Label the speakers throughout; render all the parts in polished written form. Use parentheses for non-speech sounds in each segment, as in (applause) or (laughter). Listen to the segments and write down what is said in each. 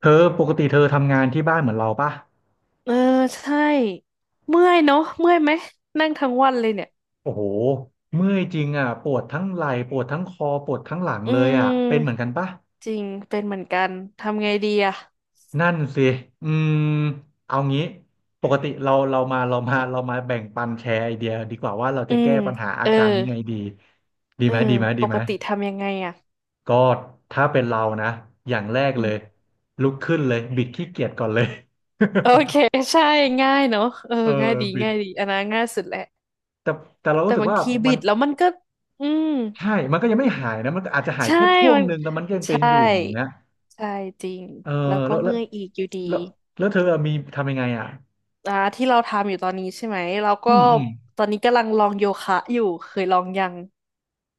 Speaker 1: เธอปกติเธอทำงานที่บ้านเหมือนเราป่ะ
Speaker 2: เออใช่เมื่อยเนอะเมื่อยไหมนั่งทั้งวันเลยเนี่ย
Speaker 1: โอ้โหเมื่อยจริงอ่ะปวดทั้งไหล่ปวดทั้งคอปวดทั้งหลัง
Speaker 2: อื
Speaker 1: เลยอ่ะเป็นเหมือน
Speaker 2: ม
Speaker 1: กันป่ะ
Speaker 2: จริงเป็นเหมือนกันทำไงดีอ่ะ
Speaker 1: นั่นสิอืมเอางี้ปกติเรามาเรามาเรามาแบ่งปันแชร์ไอเดียดีกว่าว่าเราจะ
Speaker 2: อื
Speaker 1: แก้
Speaker 2: ม
Speaker 1: ปัญหา
Speaker 2: เอ
Speaker 1: อา
Speaker 2: อ
Speaker 1: การนี้ไงดีดี
Speaker 2: เอ
Speaker 1: ไห
Speaker 2: อ
Speaker 1: ม
Speaker 2: ปกติทำยังไงอ่ะ
Speaker 1: ก็ถ้าเป็นเรานะอย่างแรก
Speaker 2: อื
Speaker 1: เล
Speaker 2: ม
Speaker 1: ยลุกขึ้นเลยบิดขี้เกียจก่อนเลย
Speaker 2: โอเคใช่ง่ายเนอะเออ
Speaker 1: (laughs) เออ
Speaker 2: ง่ายดี
Speaker 1: บิด
Speaker 2: ง่ายดีอันนั้นง่ายสุดแหละ
Speaker 1: แต่เรา
Speaker 2: แต่
Speaker 1: รู้สึก
Speaker 2: บาง
Speaker 1: ว่า
Speaker 2: ที
Speaker 1: มั
Speaker 2: บิ
Speaker 1: น
Speaker 2: ดแล้วมันก็อืม
Speaker 1: ใช่มันก็ยังไม่หายนะมันก็อาจจะหาย
Speaker 2: ใช่
Speaker 1: แค่ช่วง
Speaker 2: มัน
Speaker 1: หนึ่งแล้วมันก็ยังเป็น
Speaker 2: ใช่
Speaker 1: อยู่อย่างเงี้ย
Speaker 2: ใช่จริง
Speaker 1: เออ
Speaker 2: แล้วก็
Speaker 1: แล้วแล้ว
Speaker 2: เมื่อยอีกอยู่ดี
Speaker 1: แล้วแล้วเธอมีทำยังไงอ่ะ
Speaker 2: อ่าที่เราทำอยู่ตอนนี้ใช่ไหมเรา
Speaker 1: อื
Speaker 2: ก็
Speaker 1: มอืม
Speaker 2: ตอนนี้กำลังลองโยคะอยู่เคยลองยัง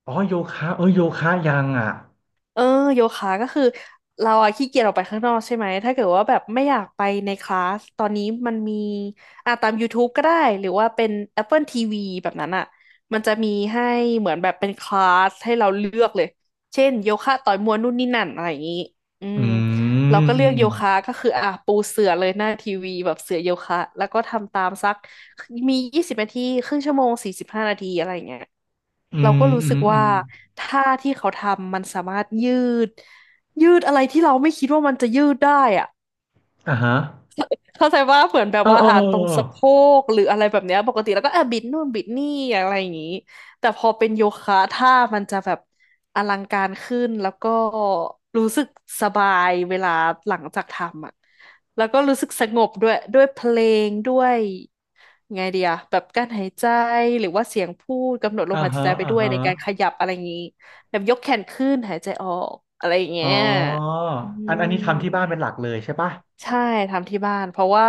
Speaker 1: อ๋อโยคะเออโยคะยังอ่ะ
Speaker 2: เออโยคะก็คือเราอะขี้เกียจออกไปข้างนอกใช่ไหมถ้าเกิดว่าแบบไม่อยากไปในคลาสตอนนี้มันมีอ่ะตาม YouTube ก็ได้หรือว่าเป็น Apple TV แบบนั้นอะมันจะมีให้เหมือนแบบเป็นคลาสให้เราเลือกเลยเช่นโยคะต่อยมวยนู่นนี่นั่นอะไรอย่างนี้อื
Speaker 1: อื
Speaker 2: ม เรา
Speaker 1: ม
Speaker 2: ก็
Speaker 1: อื
Speaker 2: เลือก
Speaker 1: ม
Speaker 2: โยคะก็คืออ่ะปูเสื่อเลยหน้าทีวีแบบเสื่อโยคะแล้วก็ทำตามสักมี20 นาทีครึ่งชั่วโมง45 นาทีอะไรอย่างเงี้ย
Speaker 1: อื
Speaker 2: เรา
Speaker 1: ม
Speaker 2: ก็รู้
Speaker 1: อื
Speaker 2: สึ
Speaker 1: ม
Speaker 2: ก
Speaker 1: อื
Speaker 2: ว่า
Speaker 1: มอ
Speaker 2: ท่าที่เขาทำมันสามารถยืดยืดอะไรที่เราไม่คิดว่ามันจะยืดได้อะ
Speaker 1: ่าฮะ
Speaker 2: เข้าใจว่าเหมือนแบบว่าอาจตร
Speaker 1: เอ
Speaker 2: ง
Speaker 1: อ
Speaker 2: สะโพกหรืออะไรแบบเนี้ยปกติแล้วก็อ่ะบิดนู่นบิดนี่อะไรอย่างนี้แต่พอเป็นโยคะท่ามันจะแบบอลังการขึ้นแล้วก็รู้สึกสบายเวลาหลังจากทำอ่ะแล้วก็รู้สึกสงบด้วยเพลงด้วยไงเดียแบบการหายใจหรือว่าเสียงพูดกำหนดลม
Speaker 1: อ่า
Speaker 2: หาย
Speaker 1: ฮะ
Speaker 2: ใจไป
Speaker 1: อ่า
Speaker 2: ด้วย
Speaker 1: ฮะ
Speaker 2: ในการขยับอะไรอย่างนี้แบบยกแขนขึ้นหายใจออกอะไรอย่าง
Speaker 1: อ๋อ
Speaker 2: เงี้ยอื
Speaker 1: อัน
Speaker 2: ม
Speaker 1: นี้ทำที่บ้านเป็นหลักเลยใช่ปะ
Speaker 2: ใช่ทำที่บ้านเพราะว่า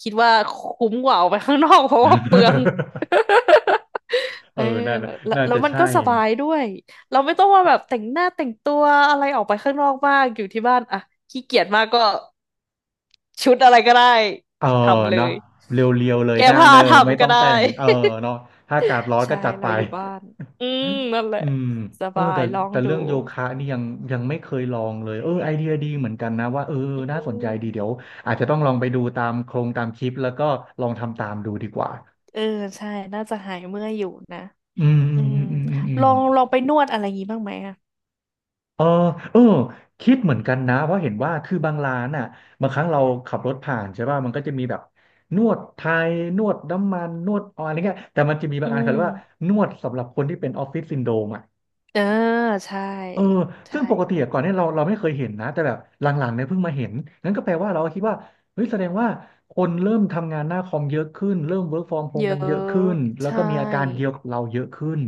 Speaker 2: คิดว่าคุ้มกว่าออกไปข้างนอก (laughs) เพราะว่าเปลือง (laughs)
Speaker 1: (laughs)
Speaker 2: เอ
Speaker 1: เออ
Speaker 2: อ
Speaker 1: น่า
Speaker 2: แล้ว
Speaker 1: น่า
Speaker 2: แล้ว
Speaker 1: จะ
Speaker 2: มัน
Speaker 1: ใช่
Speaker 2: ก็สบายด้วยเราไม่ต้องว่าแบบแต่งหน้าแต่งตัวอะไรออกไปข้างนอกบ้างอยู่ที่บ้านอ่ะขี้เกียจมากก็ชุดอะไรก็ได้
Speaker 1: เออ
Speaker 2: ทำเล
Speaker 1: เนาะ
Speaker 2: ย
Speaker 1: เรียวๆเลยห
Speaker 2: แก้
Speaker 1: น้า
Speaker 2: ผ้า
Speaker 1: เนอะไม่
Speaker 2: ทำก็
Speaker 1: ต้อง
Speaker 2: ได้
Speaker 1: แต่ง เออเนาะถ้าอากาศร้อน
Speaker 2: (laughs) ใช่
Speaker 1: ก็จัดไป
Speaker 2: เราอยู่บ้านอื
Speaker 1: อ
Speaker 2: มนั่นแหละ
Speaker 1: ืม
Speaker 2: ส
Speaker 1: เออ
Speaker 2: บาย
Speaker 1: แต่
Speaker 2: ลอง
Speaker 1: แต่
Speaker 2: ดู
Speaker 1: เรื่องโยคะนี่ยังไม่เคยลองเลยเออไอเดียดีเหมือนกันนะว่าเออ
Speaker 2: อื
Speaker 1: น่าสนใจ
Speaker 2: ม
Speaker 1: ดีเดี๋ยวอาจจะต้องลองไปดูตามโครงตามคลิปแล้วก็ลองทำตามดูดีกว่า
Speaker 2: เออใช่น่าจะหายเมื่อยอยู่นะ
Speaker 1: อืมอื
Speaker 2: อื
Speaker 1: ม
Speaker 2: ม
Speaker 1: อืมอืมอื
Speaker 2: ล
Speaker 1: ม
Speaker 2: องลองไปนวดอะไรงี้บ้างไหมอะ
Speaker 1: เออเออคิดเหมือนกันนะเพราะเห็นว่าคือบางร้านอ่ะบางครั้งเราขับรถผ่านใช่ป่ะมันก็จะมีแบบนวดไทยนวดน้ำมันนวดออยอะไรเงี้ยแต่มันจะมีบา
Speaker 2: อื
Speaker 1: งอันเขาเรียกว่า
Speaker 2: ม
Speaker 1: นวดสำหรับคนที่เป็นออฟฟิศซินโดรมอ่ะ
Speaker 2: เออ ใช่
Speaker 1: เออซึ่
Speaker 2: ใช่
Speaker 1: งปกติอะก่อนเนี่ยเราไม่เคยเห็นนะ แต่แบบหลังๆเนี่ยเพิ่งมาเห็นนั้นก็แปลว่าเราก็คิดว่าเฮ้ยแสดงว่าคนเริ่มทำงานหน้าคอมเยอะขึ้น เริ่ม work from
Speaker 2: เย
Speaker 1: home
Speaker 2: อ
Speaker 1: กันเยอะขึ้
Speaker 2: ะ
Speaker 1: น แล้ว
Speaker 2: ใช่
Speaker 1: ก็มีอาการเดียวกับเราเยอะขึ้น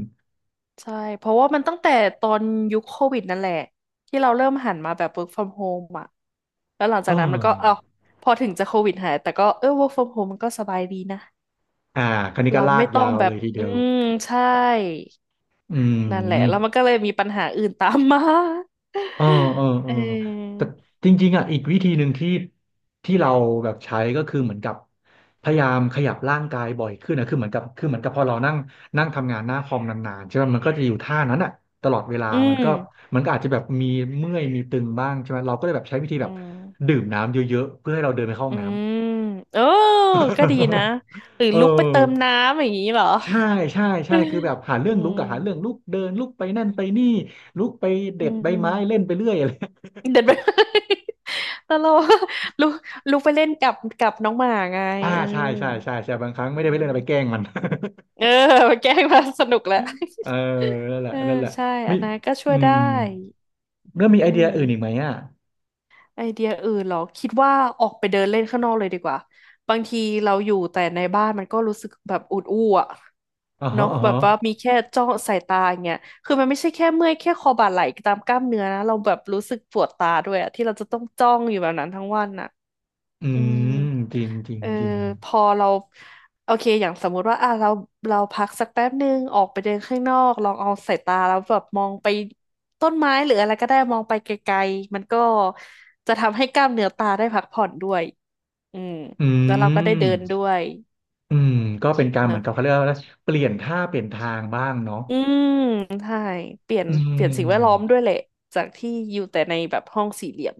Speaker 2: ใช่ เพราะว่ามันตั้งแต่ตอนยุคโควิดนั่นแหละที่เราเริ่มหันมาแบบ work from home อ่ะ แล้วหลังจา
Speaker 1: เอ
Speaker 2: กนั้นมันก็เอ้า
Speaker 1: อ
Speaker 2: พอถึงจะโควิดหายแต่ก็เออ work from home มันก็สบายดีนะ
Speaker 1: อ่าคราวนี้
Speaker 2: เรา
Speaker 1: ก็ลา
Speaker 2: ไม่
Speaker 1: ก
Speaker 2: ต้อ
Speaker 1: ยา
Speaker 2: ง
Speaker 1: ว
Speaker 2: แบ
Speaker 1: เล
Speaker 2: บ
Speaker 1: ยทีเดี
Speaker 2: อื
Speaker 1: ยว
Speaker 2: มใช่
Speaker 1: อื
Speaker 2: นั่นแหละ
Speaker 1: ม
Speaker 2: แล้วมันก็เลยมีปัญหาอื่นตามมา
Speaker 1: เออเออ
Speaker 2: (laughs)
Speaker 1: เอ
Speaker 2: เอ
Speaker 1: อ
Speaker 2: อ
Speaker 1: แต่จริงๆอ่ะอีกวิธีหนึ่งที่เราแบบใช้ก็คือเหมือนกับพยายามขยับร่างกายบ่อยขึ้นนะคือเหมือนกับคือเหมือนกับพอเรานั่งนั่งทำงานหน้าคอมนานๆใช่ไหมมันก็จะอยู่ท่านั้นอ่ะตลอดเวลา
Speaker 2: อืม
Speaker 1: มันก็อาจจะแบบมีเมื่อยมีตึงบ้างใช่ไหมเราก็เลยแบบใช้วิธี
Speaker 2: อื
Speaker 1: แบบ
Speaker 2: ม
Speaker 1: ดื่มน้ำเยอะๆเพื่อให้เราเดินไปเข้าห้อ
Speaker 2: อื
Speaker 1: งน้ำ
Speaker 2: มเออก็ดีนะหรื
Speaker 1: (laughs)
Speaker 2: อ
Speaker 1: เอ
Speaker 2: ลุกไป
Speaker 1: อ
Speaker 2: เติมน้ำอย่างนี้เหรอ
Speaker 1: ใช่ใช่คือแบบหาเรื่
Speaker 2: อื
Speaker 1: องลุก
Speaker 2: ม
Speaker 1: อะหาเรื่องลุกเดินลุกไปนั่นไปนี่ลุกไป
Speaker 2: อื
Speaker 1: เด็ดใบไม้เล่น
Speaker 2: ม
Speaker 1: ไปเรื่อยอะไร
Speaker 2: เดินไป (laughs) แล้ (laughs) วเรา (laughs) ลุกลุกไปเล่นกับน้องหมาไง
Speaker 1: อ่า
Speaker 2: เออ
Speaker 1: ใช่ใช่บางครั้ง
Speaker 2: อื
Speaker 1: ไม่ได้ไปเล่นเอาไปแกล้
Speaker 2: ม
Speaker 1: งมัน
Speaker 2: เออ (laughs) แกล้งมาสนุกแหละ
Speaker 1: (laughs) เออนั่
Speaker 2: (laughs)
Speaker 1: นแหละ
Speaker 2: เออ
Speaker 1: นั่นแหละ
Speaker 2: ใช่อั
Speaker 1: มี
Speaker 2: นนั้นก็ช่
Speaker 1: อื
Speaker 2: วยได้
Speaker 1: มแล้วมีไอ
Speaker 2: อื
Speaker 1: เดีย
Speaker 2: ม
Speaker 1: อื่นอีกไหมอ่ะ
Speaker 2: ไอเดียอื่นเหรอคิดว่าออกไปเดินเล่นข้างนอกเลยดีกว่าบางทีเราอยู่แต่ในบ้านมันก็รู้สึกแบบอุดอู้อะ
Speaker 1: อ๋อฮะ
Speaker 2: เนาะ
Speaker 1: อ๋อ
Speaker 2: แบ
Speaker 1: ฮะ
Speaker 2: บว่ามีแค่จ้องสายตาอย่างเงี้ยคือมันไม่ใช่แค่เมื่อยแค่คอบ่าไหล่ตามกล้ามเนื้อนะเราแบบรู้สึกปวดตาด้วยอะที่เราจะต้องจ้องอยู่แบบนั้นทั้งวันอะ
Speaker 1: อื
Speaker 2: อืม
Speaker 1: มจริงจริง
Speaker 2: เออ
Speaker 1: จริง
Speaker 2: พอเราโอเคอย่างสมมุติว่าอ่ะเราพักสักแป๊บนึงออกไปเดินข้างนอกลองเอาสายตาแล้วแบบมองไปต้นไม้หรืออะไรก็ได้มองไปไกลๆมันก็จะทำให้กล้ามเนื้อตาได้พักผ่อนด้วยอืม
Speaker 1: อื
Speaker 2: แล้วเราก็ได้เดินด้
Speaker 1: ม
Speaker 2: วย
Speaker 1: อืมก็เป็นการเห
Speaker 2: เน
Speaker 1: มือ
Speaker 2: อะ
Speaker 1: นกับเขาเรียกว่าอะไรเปลี่ยนท่าเปลี่ยนทางบ้างเนาะ
Speaker 2: อืมใช่เปลี่ยน
Speaker 1: อื
Speaker 2: เปลี่ยนสิ่งแวดล้อมด้ว
Speaker 1: ม
Speaker 2: ยแหละจากที่อยู่แต่ในแบบห้องสี่เหลี่ยม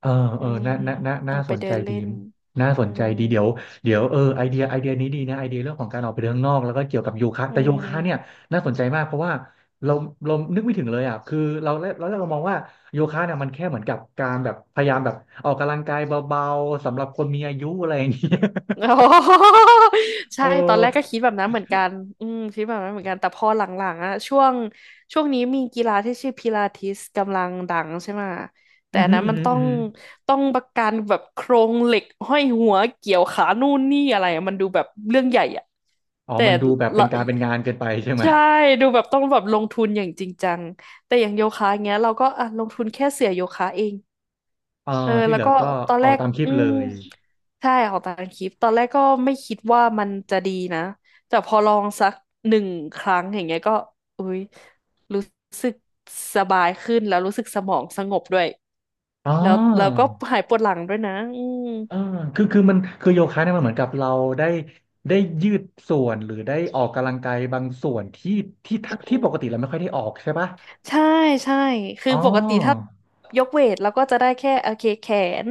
Speaker 1: เออ
Speaker 2: อื
Speaker 1: เออ
Speaker 2: ม
Speaker 1: น่า
Speaker 2: อ
Speaker 1: น่า
Speaker 2: อกไป
Speaker 1: สน
Speaker 2: เดิ
Speaker 1: ใจ
Speaker 2: น
Speaker 1: ดี
Speaker 2: เล่น
Speaker 1: น่าส
Speaker 2: อื
Speaker 1: นใจ
Speaker 2: ม
Speaker 1: ดีเดี๋ยวเออไอเดียนี้ดีนะไอเดียเรื่องของการออกไปเดินข้างนอกแล้วก็เกี่ยวกับโยคะ
Speaker 2: อื
Speaker 1: แต่โยคะเนี่ย
Speaker 2: ม
Speaker 1: น่าสนใจมากเพราะว่าเราเรานึกไม่ถึงเลยอ่ะคือเราเรามองว่าโยคะเนี่ยมันแค่เหมือนกับการแบบพยายามแบบออกกำลังกายเบาๆสำหรับคนมีอายุอะไรอย่างเงี้ย
Speaker 2: (laughs) โอ้ (laughs)
Speaker 1: (laughs)
Speaker 2: ใช่
Speaker 1: เอ
Speaker 2: ตอน
Speaker 1: อ
Speaker 2: แรกก็คิดแบบนั้นเหมือนกันอืมคิดแบบนั้นเหมือนกันแต่พอหลังๆอะช่วงนี้มีกีฬาที่ชื่อพิลาทิสกำลังดังใช่ไหมะแต่
Speaker 1: อือ
Speaker 2: อัน
Speaker 1: หือ
Speaker 2: นั้น
Speaker 1: อือ
Speaker 2: มัน
Speaker 1: หือ
Speaker 2: ต้อ
Speaker 1: อือ
Speaker 2: ง
Speaker 1: หือ
Speaker 2: ต้องประกันแบบโครงเหล็กห้อยหัวเกี่ยวขานู่นนี่อะไรอะมันดูแบบเรื่องใหญ่อะ
Speaker 1: อ๋อ
Speaker 2: แต่
Speaker 1: มันดูแบบเป็
Speaker 2: ละ
Speaker 1: นการเป็นงานเกินไปใช่ไหม
Speaker 2: ใช่ดูแบบต้องแบบลงทุนอย่างจริงจังแต่อย่างโยคะเงี้ยเราก็อ่ะลงทุนแค่เสื่อโยคะเอง
Speaker 1: เออ
Speaker 2: เออ
Speaker 1: ที่
Speaker 2: แล้
Speaker 1: เห
Speaker 2: ว
Speaker 1: ลือ
Speaker 2: ก็
Speaker 1: ก็
Speaker 2: ตอน
Speaker 1: ออ
Speaker 2: แร
Speaker 1: ก
Speaker 2: ก
Speaker 1: ตามคลิป
Speaker 2: อื
Speaker 1: เล
Speaker 2: ม
Speaker 1: ย
Speaker 2: ใช่ของตามคลิปตอนแรกก็ไม่คิดว่ามันจะดีนะแต่พอลองสักหนึ่งครั้งอย่างเงี้ยก็อุ้ยรู้สึกสบายขึ้นแล้วรู้สึกสมองสงบด้วย
Speaker 1: อ๋อ
Speaker 2: แล้วก็หายปวดหลังด้วยนะอืม
Speaker 1: เออคือมันคือโยคะเนี่ยมันเหมือนกับเราได้ได้ยืดส่วน หรือได้ออกกำลังกายบางส่วนที่ที่ทปกติเราไม่ค่อยได้ออกใช่ปะ
Speaker 2: ใช่ใช่คือ
Speaker 1: อ๋อ
Speaker 2: ปกติถ้ายกเวทเราก็จะได้แค่โอเคแขน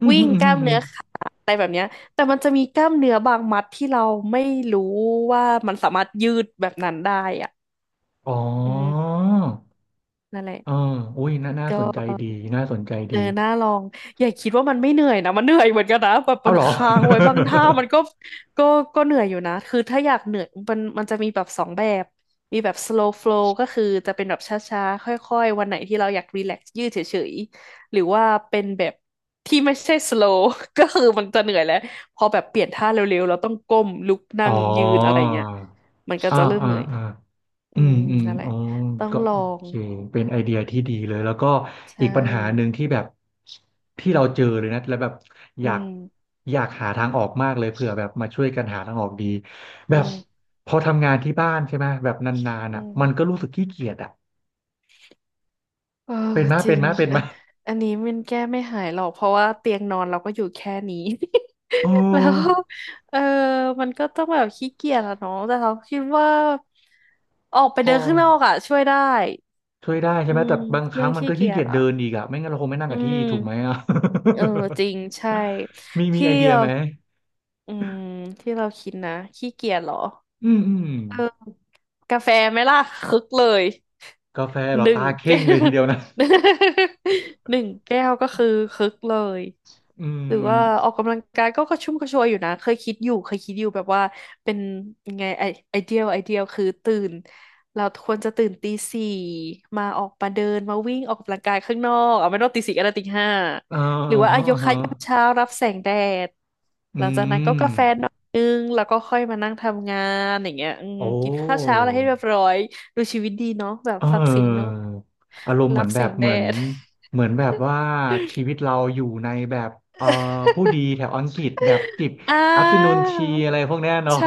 Speaker 1: อืม
Speaker 2: วิ่
Speaker 1: อื
Speaker 2: ง
Speaker 1: มอื
Speaker 2: กล้า
Speaker 1: ม
Speaker 2: ม
Speaker 1: อม
Speaker 2: เนื้อขาอะไรแบบเนี้ยแต่มันจะมีกล้ามเนื้อบางมัดที่เราไม่รู้ว่ามันสามารถยืดแบบนั้นได้อ่ะ
Speaker 1: อ๋อ
Speaker 2: อืม นั่นแหละ
Speaker 1: เอออุ้ยน่าส
Speaker 2: ก็
Speaker 1: นใจดี น่าสนใจ
Speaker 2: เอ
Speaker 1: ดี
Speaker 2: อน่าลองอย่าคิดว่ามันไม่เหนื่อยนะมันเหนื่อยเหมือนกันนะแบบ
Speaker 1: เอา
Speaker 2: มัน
Speaker 1: เหรอ
Speaker 2: ค้างไว้บางท่ามันก็ก็ก็เหนื่อยอยู่นะคือถ้าอยากเหนื่อยมันจะมีแบบสองแบบมีแบบ slow flow ก็คือจะเป็นแบบช้าๆค่อยๆวันไหนที่เราอยากรีแลกซ์ยืดเฉยๆหรือว่าเป็นแบบที่ไม่ใช่ slow (laughs) ก็คือมันจะเหนื่อยแล้วพอแบบเปลี่ยนท่าเร็วๆเราต้องก้มลุก
Speaker 1: (laughs)
Speaker 2: นั่ง
Speaker 1: อ๋อ
Speaker 2: ยืนอะไรเงี้ยมันก็
Speaker 1: อ่า
Speaker 2: จะเริ่ม
Speaker 1: อ่า
Speaker 2: เหนื่อย
Speaker 1: อ่า อื
Speaker 2: อื
Speaker 1: ม
Speaker 2: ม
Speaker 1: อืม
Speaker 2: นั่นแหละ
Speaker 1: อ๋อ
Speaker 2: ต้อง
Speaker 1: ก็
Speaker 2: ลอ
Speaker 1: โอ
Speaker 2: ง
Speaker 1: เคเป็นไอเดียที่ดีเลยแล้วก็
Speaker 2: ใช่
Speaker 1: อีกปัญหาหนึ่งที่แบบที่เราเจอเลยนะแล้วแบบอ
Speaker 2: อื
Speaker 1: ยาก
Speaker 2: ม
Speaker 1: หาทางออกมากเลยเผื่อแบบมาช่วยกันหาทางออกดีแบ
Speaker 2: อื
Speaker 1: บ
Speaker 2: ม
Speaker 1: พอทำงานที่บ้านใช่ไหมแบบนานๆ
Speaker 2: อื
Speaker 1: อ่ะมันก็
Speaker 2: ม
Speaker 1: รู้สึกขี้เกียจอ่ะ
Speaker 2: เออ
Speaker 1: เป็นมะ
Speaker 2: จริงอันอันนี้มันแก้ไม่หายหรอกเพราะว่าเตียงนอนเราก็อยู่แค่นี้
Speaker 1: โอ
Speaker 2: (laughs) แล้ว
Speaker 1: ้
Speaker 2: เออมันก็ต้องแบบขี้เกียจอะเนาะแต่เราคิดว่าออกไป
Speaker 1: พ
Speaker 2: เดิ
Speaker 1: อ
Speaker 2: นข้างนอกอะช่วยได้
Speaker 1: ช่วยได้ใช่
Speaker 2: อื
Speaker 1: ไหม
Speaker 2: ม
Speaker 1: แต่บางค
Speaker 2: เรื่
Speaker 1: รั้
Speaker 2: อ
Speaker 1: ง
Speaker 2: ง
Speaker 1: มัน
Speaker 2: ขี้
Speaker 1: ก็
Speaker 2: เกี
Speaker 1: ขี้
Speaker 2: ย
Speaker 1: เกี
Speaker 2: จ
Speaker 1: ยจ
Speaker 2: อะ
Speaker 1: เดินอีกอ่ะไม่งั้นเราคงไม่นั่ง
Speaker 2: อื
Speaker 1: กับที่ถูกไหม
Speaker 2: ม
Speaker 1: อ่ะ
Speaker 2: เออจริงใช่
Speaker 1: (laughs) มี
Speaker 2: ที่
Speaker 1: ไอเดีย
Speaker 2: เรา
Speaker 1: ไหม
Speaker 2: อืมที่เราคิดนะขี้เกียจเหรอ
Speaker 1: อืม
Speaker 2: เออกาแฟไหมล่ะคึกเลย
Speaker 1: กาแฟเหร
Speaker 2: ห
Speaker 1: อ
Speaker 2: นึ่ง
Speaker 1: ตาเข่
Speaker 2: แก้
Speaker 1: งเลย
Speaker 2: ว
Speaker 1: ทีเดียวนะ
Speaker 2: (laughs) หนึ่งแก้วก็คือคึกเลย
Speaker 1: (laughs) อื
Speaker 2: หรือ
Speaker 1: ม
Speaker 2: ว่าออกกำลังกายก็กระชุ่มกระชวยอยู่นะเคยคิดอยู่เคยคิดอยู่แบบว่าเป็นยังไงไอเดียไอเดียคือตื่นเราควรจะตื่นตีสี่มาออกมาเดินมาวิ่งออกกำลังกายข้างนอกเอาไม่ต้องตีสี่ก็ได้ตีห้า
Speaker 1: อ่า
Speaker 2: หรือว่าอะ
Speaker 1: ฮะ
Speaker 2: โย
Speaker 1: อ่า
Speaker 2: คะ
Speaker 1: ฮะ
Speaker 2: ยามเช้ารับแสงแดดห
Speaker 1: อื
Speaker 2: ลังจากนั้นก็
Speaker 1: ม
Speaker 2: กาแฟหน่อยนึงแล้วก็ค่อยมานั่งทำงานอย่างเงี้ยอืม
Speaker 1: โอ้
Speaker 2: กินข้าวเช้าอะไรให้เรียบร้อยดูชีวิตดีเนาะแบบ
Speaker 1: เ
Speaker 2: ฟังเสียงนก
Speaker 1: อออารมณ์เห
Speaker 2: รั
Speaker 1: มือ
Speaker 2: บ
Speaker 1: นแบ
Speaker 2: แส
Speaker 1: บ
Speaker 2: ง
Speaker 1: เห
Speaker 2: แด
Speaker 1: มือน
Speaker 2: ด
Speaker 1: เหมือนแบบว่าชีวิตเราอยู่ในแบบเอ่อผู้ดีแถวอังกฤษแบบจิบ
Speaker 2: อ่
Speaker 1: อัฟเตอร์นูน
Speaker 2: า
Speaker 1: ทีอะไรพวกเนี้ยเนาะ
Speaker 2: ใช่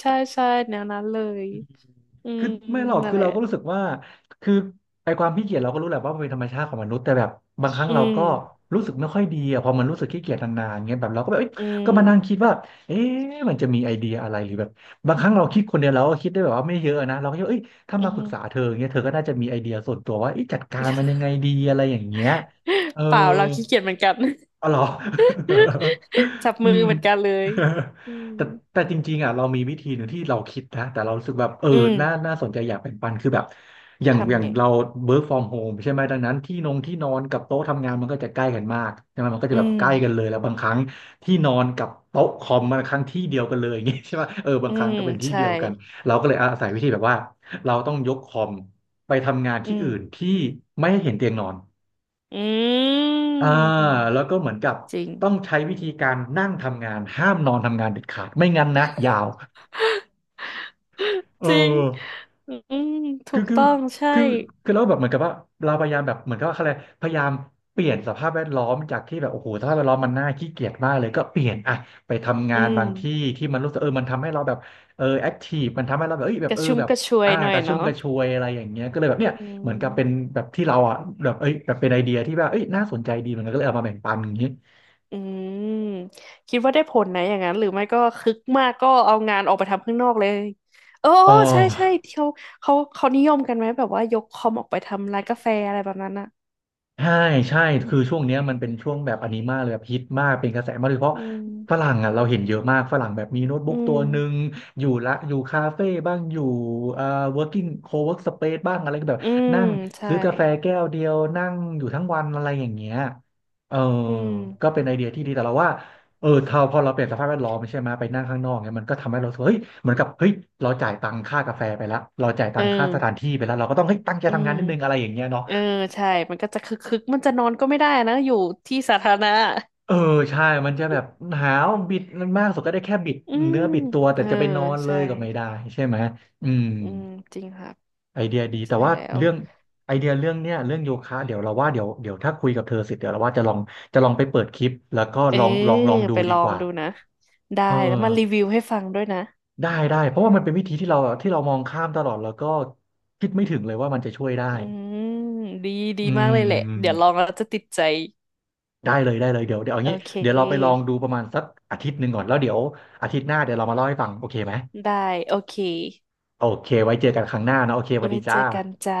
Speaker 2: ใช่ใช่แนวนั้นเลยอืม
Speaker 1: คือไม่หรอก
Speaker 2: นั่น
Speaker 1: คือ
Speaker 2: แหละ
Speaker 1: เราก็รู้สึกว่าคือไอความขี้เกียจเราก็รู้แหละว่ามันเป็นธรรมชาติของมนุษย์แต่แบบบางครั้ง
Speaker 2: อื
Speaker 1: เรา
Speaker 2: ม
Speaker 1: ก็รู้สึกไม่ค่อยดีอะพอมันรู้สึกขี้เกียจนานๆเงี้ยแบบเราก็แบบเอ้ย
Speaker 2: อื
Speaker 1: ก็มานั่งคิ
Speaker 2: ม
Speaker 1: ดว่าเอ๊ะมันจะมีไอเดียอะไรหรือแบบบางครั้งเราคิดคนเดียวเราก็คิดได้แบบว่าไม่เยอะนะเราก็คิดว่าเอ้ยถ้า
Speaker 2: อื
Speaker 1: มาปรึกษา
Speaker 2: ม
Speaker 1: เธอเงี้ยเธอก็น่าจะมีไอเดียส่วนตัวว่าเอ๊ะจัดการมันยังไงดีอะไรอย่างเงี้ยเออ
Speaker 2: เปล่าเราขี้เกียจเหมือนกัน
Speaker 1: อ๋อเหรอ
Speaker 2: (laughs) จับ
Speaker 1: (laughs) อื
Speaker 2: มือ
Speaker 1: ม
Speaker 2: เหมือนกันเลย
Speaker 1: (laughs)
Speaker 2: อื
Speaker 1: แต่
Speaker 2: ม
Speaker 1: แต่จริงๆอ่ะเรามีวิธีหนึ่งที่เราคิดนะแต่เรารู้สึกแบบเออ
Speaker 2: อืม
Speaker 1: น่าน่าสนใจอยากแบ่งปันคือแบบอย่างอ
Speaker 2: ทำ
Speaker 1: ย่าง
Speaker 2: ไง
Speaker 1: เรา work from home ใช่ไหมดังนั้นที่นงที่นอนกับโต๊ะทำงานมันก็จะใกล้กันมากใช่ไหมมันก็
Speaker 2: อื
Speaker 1: จะแบบ
Speaker 2: ม
Speaker 1: ใกล้กันเลยแล้วบางครั้งที่นอนกับโต๊ะคอมบางครั้งที่เดียวกันเลย (laughs) อย่างงี้ใช่ป่ะเออบา
Speaker 2: อื
Speaker 1: งครั้ง
Speaker 2: ม
Speaker 1: ก็เป็นที่
Speaker 2: ใช่
Speaker 1: เดียวกันเราก็เลยอาศัยวิธีแบบว่าเราต้องยกคอมไปทำงาน
Speaker 2: อื
Speaker 1: ที่
Speaker 2: ม
Speaker 1: อื่นที่ไม่ให้เห็นเตียงนอน
Speaker 2: อืม
Speaker 1: อ่าแล้วก็เหมือนกับ
Speaker 2: จริง
Speaker 1: ต้องใช้วิธีการนั่งทำงานห้ามนอนทำงานเด็ดขาดไม่งั้นนะยาวเอ
Speaker 2: จริง
Speaker 1: อ
Speaker 2: อืมถู
Speaker 1: คือ
Speaker 2: ก
Speaker 1: คือ
Speaker 2: ต้องใช่
Speaker 1: คือคือแล้วแบบเหมือนกับว่าเราพยายามแบบเหมือนกับว่าอะไรพยายามเปลี่ยนสภาพแวดล้อมจากที่แบบโอ้โหสภาพแวดล้อมมันน่าขี้เกียจมากเลยก็เปลี่ยนอะไปทำงา
Speaker 2: อื
Speaker 1: น
Speaker 2: ม
Speaker 1: บางที่ที่มันรู้สึกเออมันทำให้เราแบบเออแอคทีฟมันทำให้เราแบบเอ้ยแบ
Speaker 2: ก
Speaker 1: บเอ
Speaker 2: ระ
Speaker 1: อ
Speaker 2: ชุ่ม
Speaker 1: แบบ
Speaker 2: กระชวย
Speaker 1: อ่า
Speaker 2: หน่
Speaker 1: ก
Speaker 2: อย
Speaker 1: ระชุ่ม
Speaker 2: เนาะ
Speaker 1: กระชวยอะไรอย่างเงี้ยก็เลยแบบเนี่ย
Speaker 2: อื
Speaker 1: เหมือนกับเป็น
Speaker 2: ม
Speaker 1: แบบที่เราอ่ะแบบเอ้ยแบบเป็นไอเดียที่แบบเอ้ยน่าสนใจดีเหมือนกันก็เลยเอามาแบ่งปันอย่างงี้
Speaker 2: อืมคิดว่าได้ผลนะอย่างนั้นหรือไม่ก็คึกมากก็เอางานออกไปทำข้างนอกเลยโอ้
Speaker 1: อ๋อ
Speaker 2: ใช่ใช่ที่เขาเขานิยมกันไหมแบบว่ายกคอมออกไปทำร้านกาแฟอะไรแบบนั้นอ่ะ
Speaker 1: ใช่ใช่คือช่วงเนี้ยมันเป็นช่วงแบบอันนี้มากเลยแบบฮิตมากเป็นกระแสมากโดยเฉพาะ
Speaker 2: อื
Speaker 1: ฝ
Speaker 2: ม
Speaker 1: รั่งอ่ะเราเห็นเยอะมากฝรั่งแบบมีโน้ต
Speaker 2: อื
Speaker 1: บุ๊กตัว
Speaker 2: ม
Speaker 1: หนึ่งอยู่ละอยู่คาเฟ่บ้างอยู่เอ่อ working co-work space บ้างอะไรก็แบบ
Speaker 2: อืม
Speaker 1: นั่ง
Speaker 2: ใช่
Speaker 1: ซื้อกาแฟแก้วเดียวนั่งอยู่ทั้งวันอะไรอย่างเงี้ยเออ
Speaker 2: อื
Speaker 1: ก็
Speaker 2: ม
Speaker 1: เป็นไอเดียที่ดีแต่เราว่าเออถ้าพอเราเปลี่ยนสภาพแวดล้อมใช่ไหมไปนั่งข้างนอกเนี่ยมันก็ทำให้เรารู้สึกว่าเฮ้ยเหมือนกับเฮ้ยเราจ่ายตังค่ากาแฟไปแล้วเราจ่ายตั
Speaker 2: เออ
Speaker 1: งค่าสถานที่ไปแล้วเราก็ต้องเฮ้ยตั้งใจ
Speaker 2: อื
Speaker 1: ทำงา
Speaker 2: ม
Speaker 1: นนิดนึงอะไรอย่างเงี้ยเนาะ
Speaker 2: เออใช่มันก็จะคึกมันจะนอนก็ไม่ได้นะอยู่ที่สาธารณะ
Speaker 1: เออใช่มันจะแบบหนาวบิดมากสุดก็ได้แค่บิด
Speaker 2: อืม
Speaker 1: เนื้อบิดตัวแต่
Speaker 2: เออ
Speaker 1: จะไปนอนเล
Speaker 2: ใช่
Speaker 1: ยก็ไม่ได้ใช่ไหมอืม
Speaker 2: อืมจริงครับ
Speaker 1: ไอเดียดีแต่
Speaker 2: ใช่
Speaker 1: ว่า
Speaker 2: แล้ว
Speaker 1: เรื่องไอเดียเรื่องเนี้ยเรื่องโยคะเดี๋ยวเราว่าเดี๋ยวถ้าคุยกับเธอเสร็จเดี๋ยวเราว่าจะลองจะลองไปเปิดคลิปแล้วก็
Speaker 2: เออ
Speaker 1: ลองดู
Speaker 2: ไป
Speaker 1: ดี
Speaker 2: ลอ
Speaker 1: ก
Speaker 2: ง
Speaker 1: ว่า
Speaker 2: ดูนะได้
Speaker 1: เอ
Speaker 2: แล้วมารี
Speaker 1: อ
Speaker 2: วิวให้ฟังด้วยนะ
Speaker 1: ได้ได้เพราะว่ามันเป็นวิธีที่เรามองข้ามตลอดแล้วก็คิดไม่ถึงเลยว่ามันจะช่วยได้
Speaker 2: อืมดีดี
Speaker 1: อื
Speaker 2: มากเลยแหละเดี๋ยว
Speaker 1: ม
Speaker 2: ลองแล้วจะติดใจ
Speaker 1: ได้เลยได้เลยเดี๋ยวเอา
Speaker 2: โอ
Speaker 1: งี้
Speaker 2: เค
Speaker 1: เดี๋ยวเราไปลองดูประมาณสักอาทิตย์หนึ่งก่อนแล้วเดี๋ยวอาทิตย์หน้าเดี๋ยวเรามาเล่าให้ฟังโอเคไหม
Speaker 2: ได้โอเค
Speaker 1: โอเค ไว้เจอกันครั้งหน้านะโอเคสวัส
Speaker 2: ไว้
Speaker 1: ดี
Speaker 2: เจ
Speaker 1: จ้า
Speaker 2: อกันจ้า